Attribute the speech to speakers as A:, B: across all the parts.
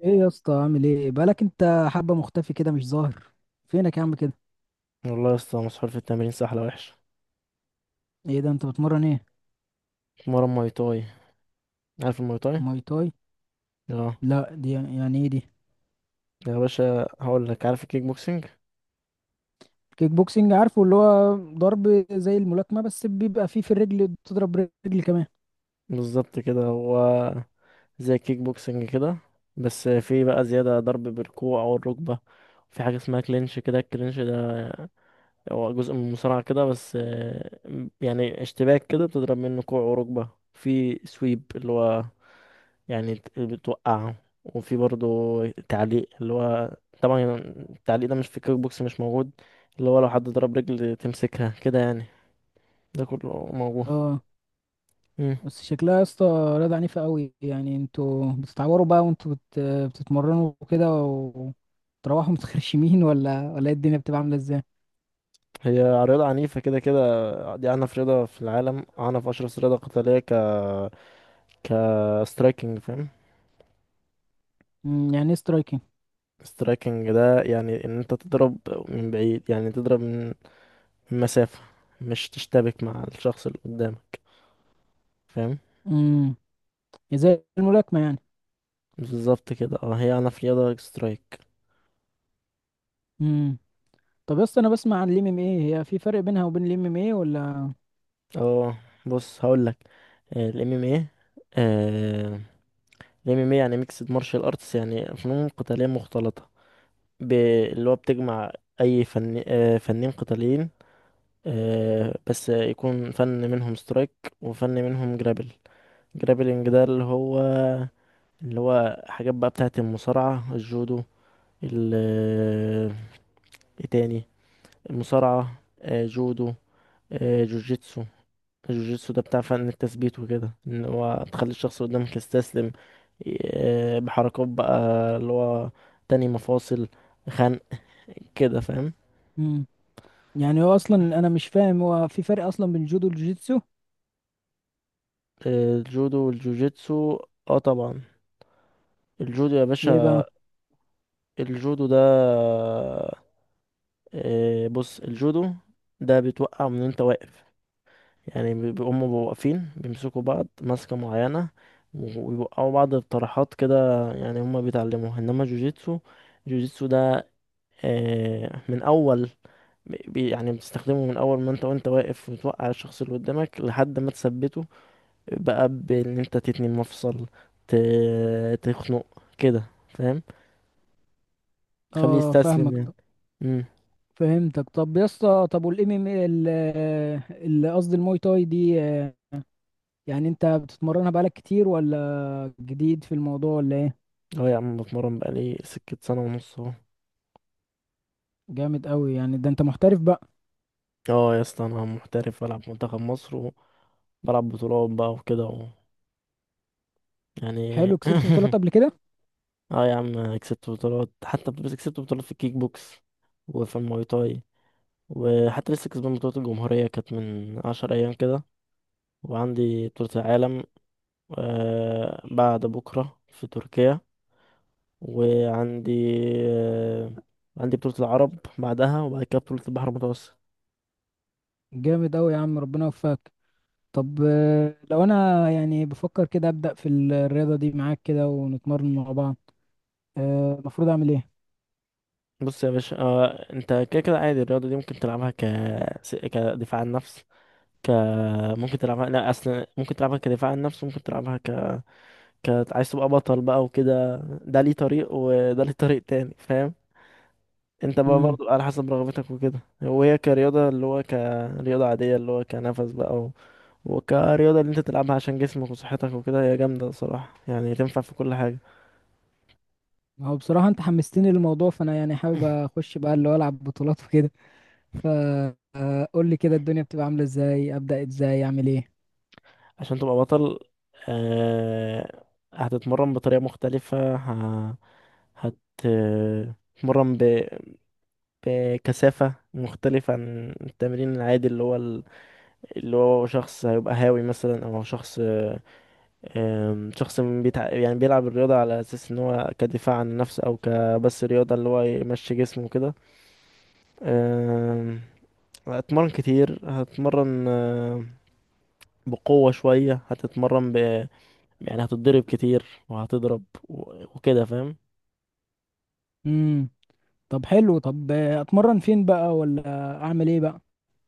A: ايه يا اسطى؟ عامل ايه؟ بقالك انت حبه مختفي كده، مش ظاهر. فينك يا عم كده؟
B: والله يا اسطى مسحول في التمرين سحلة وحشة.
A: ايه ده؟ انت بتمرن ايه؟
B: مرة ماي تاي. عارف الماي تاي؟
A: ماي تاي؟
B: اه
A: لا، دي يعني ايه دي؟
B: يا باشا هقول لك، عارف الكيك بوكسنج؟
A: كيك بوكسنج عارفه، اللي هو ضرب زي الملاكمه، بس بيبقى فيه في الرجل بتضرب رجل كمان.
B: بالظبط كده هو. زي الكيك بوكسنج كده. بس في بقى زيادة ضرب بالكوع أو الركبة. في حاجة اسمها كلينش كده، الكلينش ده هو جزء من المصارعة كده، بس يعني اشتباك كده بتضرب منه كوع وركبة. في سويب اللي هو يعني بتوقعه. وفي برضه تعليق، اللي هو طبعا التعليق ده مش في الكيك بوكس، مش موجود. اللي هو لو حد ضرب رجل تمسكها كده يعني، ده كله موجود.
A: اه.
B: مم.
A: بس شكلها يا اسطى رياضه عنيفه قوي. يعني انتوا بتتعوروا بقى، وانتوا بتتمرنوا كده، وتروحوا متخرشمين ولا ايه الدنيا بتبقى عامله ازاي؟
B: هي رياضة عنيفة كده كده. دي أعنف رياضة في العالم، أعنف أشرس رياضة قتالية ك ك striking، فاهم؟
A: يعني ايه سترايكنج؟
B: striking ده يعني إن أنت تضرب من بعيد، يعني تضرب من مسافة. مش تشتبك مع الشخص اللي قدامك، فاهم؟
A: امم زي الملاكمه يعني.
B: بالظبط كده، اه هي أعنف رياضة سترايك.
A: امم طب يا اسطى، انا بسمع عن الام ام ايه، هي في فرق بينها وبين الام ام ايه ولا؟
B: اه بص هقول لك. الام ام ايه، الام ام ايه يعني ميكسد مارشال ارتس، يعني فنون قتاليه مختلطه. ب- اللي هو بتجمع اي فن، فنين قتاليين، بس يكون فن منهم سترايك وفن منهم جرابل. جرابلنج ده اللي هو حاجات بقى بتاعه المصارعه، الجودو، ال آه، ايه تاني، المصارعه، جودو، جوجيتسو. الجوجيتسو ده بتاع فن التثبيت وكده، ان هو تخلي الشخص اللي قدامك يستسلم، بحركات بقى اللي هو تاني مفاصل، خنق كده، فاهم؟
A: مم. يعني هو اصلا انا مش فاهم، هو في فرق اصلا بين الجودو والجوجيتسو؟
B: الجودو والجوجيتسو، اه طبعا. الجودو يا
A: ايه
B: باشا،
A: بقى؟
B: الجودو ده، بص الجودو ده بيتوقع من انت واقف. يعني هما بيبقوا واقفين بيمسكوا بعض ماسكة معينة، ويوقعوا بعض بطرحات كده، يعني هما بيتعلموها. انما جوجيتسو، جوجيتسو ده من اول، يعني بتستخدمه من اول ما انت واقف وتوقع الشخص اللي قدامك لحد ما تثبته بقى، بان انت تتني مفصل، تخنق كده، فاهم؟ تخليه
A: اه
B: يستسلم
A: فاهمك،
B: يعني. امم.
A: فهمتك. طب يا اسطى، طب والام ام ايه، اللي قصدي الموي تاي دي، يعني انت بتتمرنها بقالك كتير ولا جديد في الموضوع ولا ايه؟
B: اه يا عم بتمرن بقالي سكة سنة ونص اهو.
A: جامد قوي! يعني ده انت محترف بقى.
B: اه يا اسطى انا محترف، بلعب منتخب مصر، وبلعب بطولات بقى وكده و... يعني.
A: حلو، كسبت بطولات قبل كده؟
B: اه يا عم كسبت بطولات حتى، بس كسبت بطولات في الكيك بوكس وفي الماي تاي. وحتى لسه كسبان بطولة الجمهورية كانت من 10 أيام كده. وعندي بطولة العالم بعد بكرة في تركيا. وعندي آه، عندي بطولة العرب بعدها، وبعد كده بطولة البحر المتوسط.
A: جامد قوي يا عم، ربنا يوفقك. طب لو انا يعني بفكر كده ابدا في الرياضه دي معاك كده، ونتمرن مع بعض، المفروض اعمل ايه؟
B: بص يا باشا، انت كده كده عادي، الرياضة دي ممكن تلعبها كدفاع عن النفس. ك ممكن تلعبها، لا اصل ممكن تلعبها كدفاع عن النفس، ممكن تلعبها ك... ك عايز تبقى بطل بقى وكده. ده ليه طريق وده ليه طريق تاني، فاهم؟ انت بقى
A: امم
B: برضو على حسب رغبتك وكده، وهي كرياضة اللي هو كرياضة عادية اللي هو كنفس بقى و... وكرياضة اللي انت تلعبها عشان جسمك وصحتك وكده، هي جامدة صراحة يعني، تنفع في كل حاجة.
A: هو بصراحه انت حمستني للموضوع، فانا يعني حابب اخش بقى اللي هو العب بطولات وكده. فقول لي كده الدنيا بتبقى عامله ازاي، ابدا ازاي، اعمل ايه؟
B: عشان تبقى بطل آه... هتتمرن بطريقة مختلفة، هتتمرن بكثافة مختلفة عن التمرين العادي، اللي هو اللي هو شخص هيبقى هاوي مثلا، او شخص، شخص يعني بيلعب الرياضة على أساس إن هو كدفاع عن النفس، أو كبس رياضة اللي هو يمشي جسمه كده. أم، هتتمرن كتير، هتتمرن بقوة شوية، هتتمرن يعني هتتضرب كتير، وهتضرب، وكده فاهم؟
A: امم طب حلو. طب اتمرن فين بقى، ولا اعمل ايه بقى؟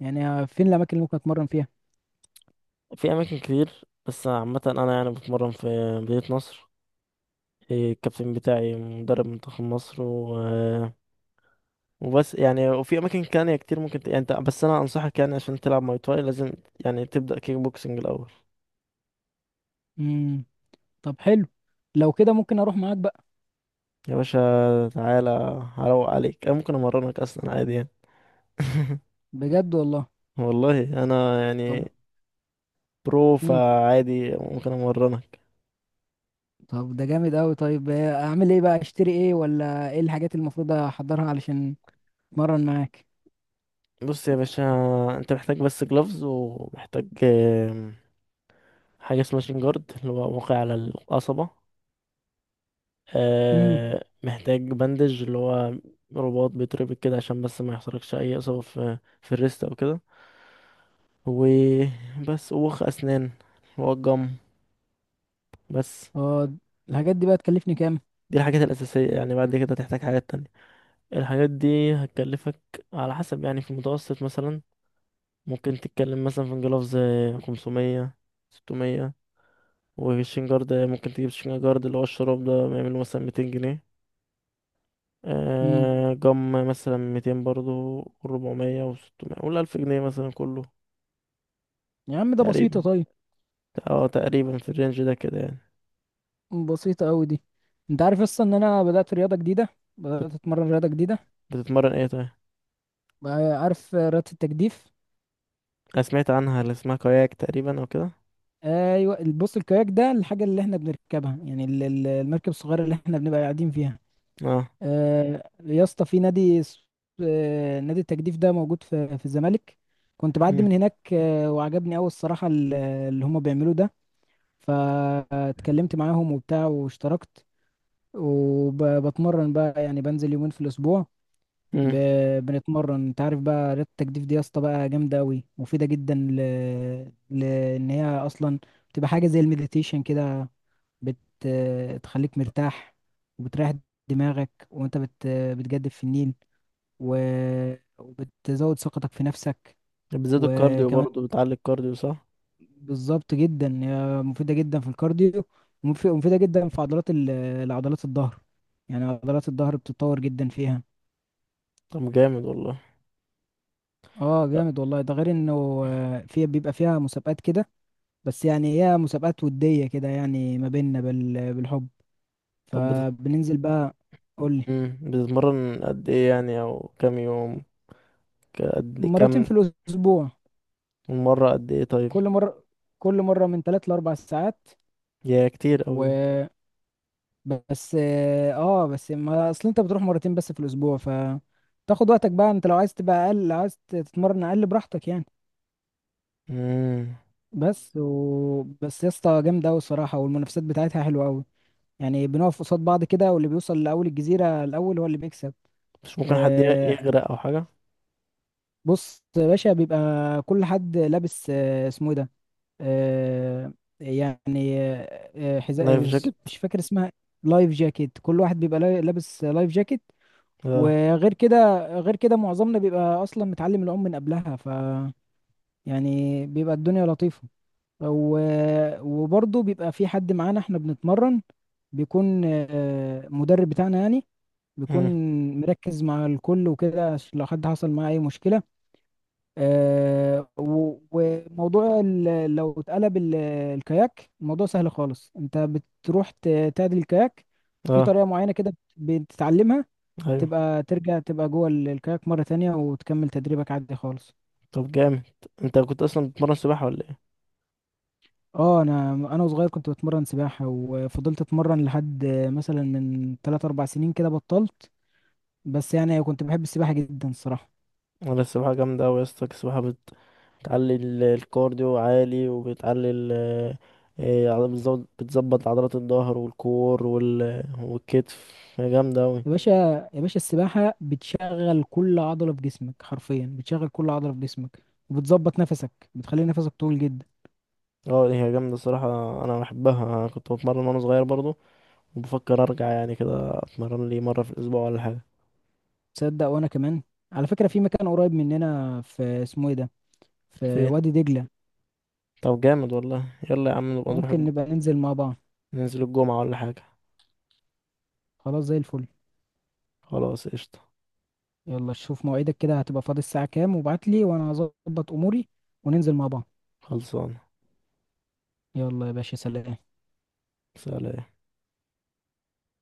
A: يعني فين الاماكن اللي ممكن اتمرن فيها؟
B: في أماكن كتير، بس عامة أنا يعني بتمرن في مدينة نصر. الكابتن بتاعي مدرب منتخب مصر. وبس يعني، وفي اماكن تانية كتير ممكن يعني انت بس، انا انصحك يعني عشان تلعب ماي تواي لازم يعني تبدا كيك بوكسنج الاول.
A: امم طب حلو، لو كده ممكن اروح معاك بقى.
B: يا باشا تعالى هروق عليك، انا ممكن امرنك اصلا عادي يعني.
A: بجد والله.
B: والله انا
A: طب،
B: يعني برو،
A: امم
B: فعادي ممكن امرنك.
A: طب ده جامد قوي. طيب اعمل ايه بقى؟ اشتري ايه؟ ولا ايه الحاجات اللي المفروض احضرها علشان اتمرن معاك؟
B: بص يا باشا، انت محتاج بس جلوفز، ومحتاج حاجه اسمها شين جارد، اللي هو واقع على القصبه. محتاج بندج، اللي هو رباط بيتربط كده عشان بس ما يحصلكش اي اصابه في الريست او كده. وبس، وخ أسنان، والجم، بس.
A: اه، الحاجات دي بقى تكلفني كام؟
B: دي الحاجات الأساسية يعني، بعد كده هتحتاج حاجات تانية. الحاجات دي هتكلفك على حسب يعني، في المتوسط مثلا، ممكن تتكلم مثلا في انجلوفز 500 600. والشين جارد ممكن تجيب شين جارد اللي هو الشراب ده بيعمله مثلا 200 جنيه.
A: امم
B: آه جم مثلا 200 برضو، 400 وستمية، قول 1000 جنيه مثلا كله
A: يا عم ده بسيطة.
B: تقريبا.
A: طيب،
B: اه تقريبا في الرينج ده كده يعني.
A: بسيطة قوي دي. انت عارف اصلا ان انا
B: طب
A: بدأت اتمرن رياضة جديدة
B: بتتمرن ايه طيب؟
A: بقى؟ عارف رياضة التجديف؟
B: انا سمعت عنها اللي اسمها كاياك تقريبا او كده.
A: ايوه، بص، الكاياك ده الحاجة اللي احنا بنركبها، يعني المركب الصغيرة اللي احنا بنبقى قاعدين فيها.
B: اه.
A: يا اسطى، في نادي اس- آه، نادي التجديف ده، موجود في الزمالك. كنت بعدي
B: مم.
A: من هناك، وعجبني قوي الصراحة اللي هما بيعملوه ده. فاتكلمت معاهم وبتاع، واشتركت. وبتمرن بقى يعني، بنزل يومين في الاسبوع. ب...
B: مم.
A: بنتمرن. انت عارف بقى، رياضة التجديف دي يا اسطى بقى جامدة قوي، مفيدة جدا لان هي اصلا بتبقى حاجة زي المديتيشن كده. بتخليك مرتاح، وبتريح دماغك وانت بتجدف في النيل، و... وبتزود ثقتك في نفسك.
B: بتزيد الكارديو
A: وكمان،
B: برضه، بتعلي الكارديو صح؟
A: بالظبط جدا، هي مفيدة جدا في الكارديو، ومفيدة جدا في عضلات العضلات الظهر. يعني عضلات الظهر بتتطور جدا فيها.
B: طب جامد والله.
A: اه
B: لا.
A: جامد والله. ده غير انه في بيبقى فيها مسابقات كده، بس يعني هي مسابقات ودية كده، يعني ما بيننا بالحب.
B: طب بت...
A: فبننزل بقى. قولي.
B: مم. بتتمرن قد ايه يعني، او كام يوم؟ قد إيه؟
A: مرتين
B: كام؟
A: في الأسبوع.
B: مرة قد ايه طيب؟
A: كل مرة كل مرة من 3 ل4 ساعات.
B: يا كتير اوي ده.
A: بس. اه بس، ما اصل انت بتروح مرتين بس في الاسبوع، ف تاخد وقتك بقى. انت لو عايز تبقى اقل، لو عايز تتمرن اقل، براحتك يعني.
B: مم.
A: بس يا اسطى جامده قوي الصراحه، والمنافسات بتاعتها حلوه قوي. يعني بنقف قصاد بعض كده، واللي بيوصل لاول الجزيره الاول هو اللي بيكسب.
B: مش ممكن حد
A: آه
B: يغرق او حاجة؟
A: بص يا باشا، بيبقى كل حد لابس، اسمه ايه ده؟ آه يعني، حذاء،
B: لايف جاكيت.
A: مش فاكر اسمها، لايف جاكيت. كل واحد بيبقى لابس لايف جاكيت.
B: اه.
A: وغير كده، غير كده معظمنا بيبقى اصلا متعلم العوم من قبلها، ف يعني بيبقى الدنيا لطيفة. و... وبرضه بيبقى في حد معانا احنا بنتمرن، بيكون مدرب بتاعنا يعني، بيكون
B: مم.
A: مركز مع الكل وكده، عشان لو حد حصل معاه اي مشكلة. وموضوع لو اتقلب الكاياك، الموضوع سهل خالص. انت بتروح تعدل الكاياك في
B: اه.
A: طريقة معينة كده، بتتعلمها.
B: ايوه.
A: تبقى ترجع تبقى جوه الكاياك مرة تانية، وتكمل تدريبك عادي خالص.
B: طب جامد، انت كنت اصلا بتتمرن سباحة ولا ايه؟
A: اه، انا وصغير كنت بتمرن سباحة، وفضلت اتمرن لحد مثلا من 3 4 سنين كده بطلت. بس يعني كنت بحب السباحة جدا الصراحة.
B: ولا السباحة جامدة اوي يا اسطى، السباحة بتعلي الكارديو عالي، وبتعلي ال إيه، عضل- بتزود- بتظبط عضلات الظهر والكور والكتف، هي جامدة أوي.
A: يا باشا، يا باشا السباحة بتشغل كل عضلة في جسمك، حرفيا بتشغل كل عضلة في جسمك، وبتظبط نفسك، بتخلي نفسك طويل جدا.
B: اه هي جامدة الصراحة. أنا بحبها، أنا كنت بتمرن وأنا صغير برضو، وبفكر أرجع يعني كده، أتمرن لي مرة في الأسبوع ولا حاجة.
A: تصدق وانا كمان! على فكرة، في مكان قريب مننا، في اسمه ايه ده، في
B: فين؟
A: وادي دجلة.
B: طب جامد والله. يلا يا عم نبقى نروح
A: ممكن نبقى ننزل مع بعض.
B: ننزل الجمعة ولا حاجة.
A: خلاص، زي الفل.
B: خلاص قشطة.
A: يلا شوف مواعيدك كده، هتبقى فاضي الساعة كام، وابعت لي وانا هظبط اموري، وننزل مع بعض.
B: خلصان.
A: يلا يا باشا، سلام.
B: سلام.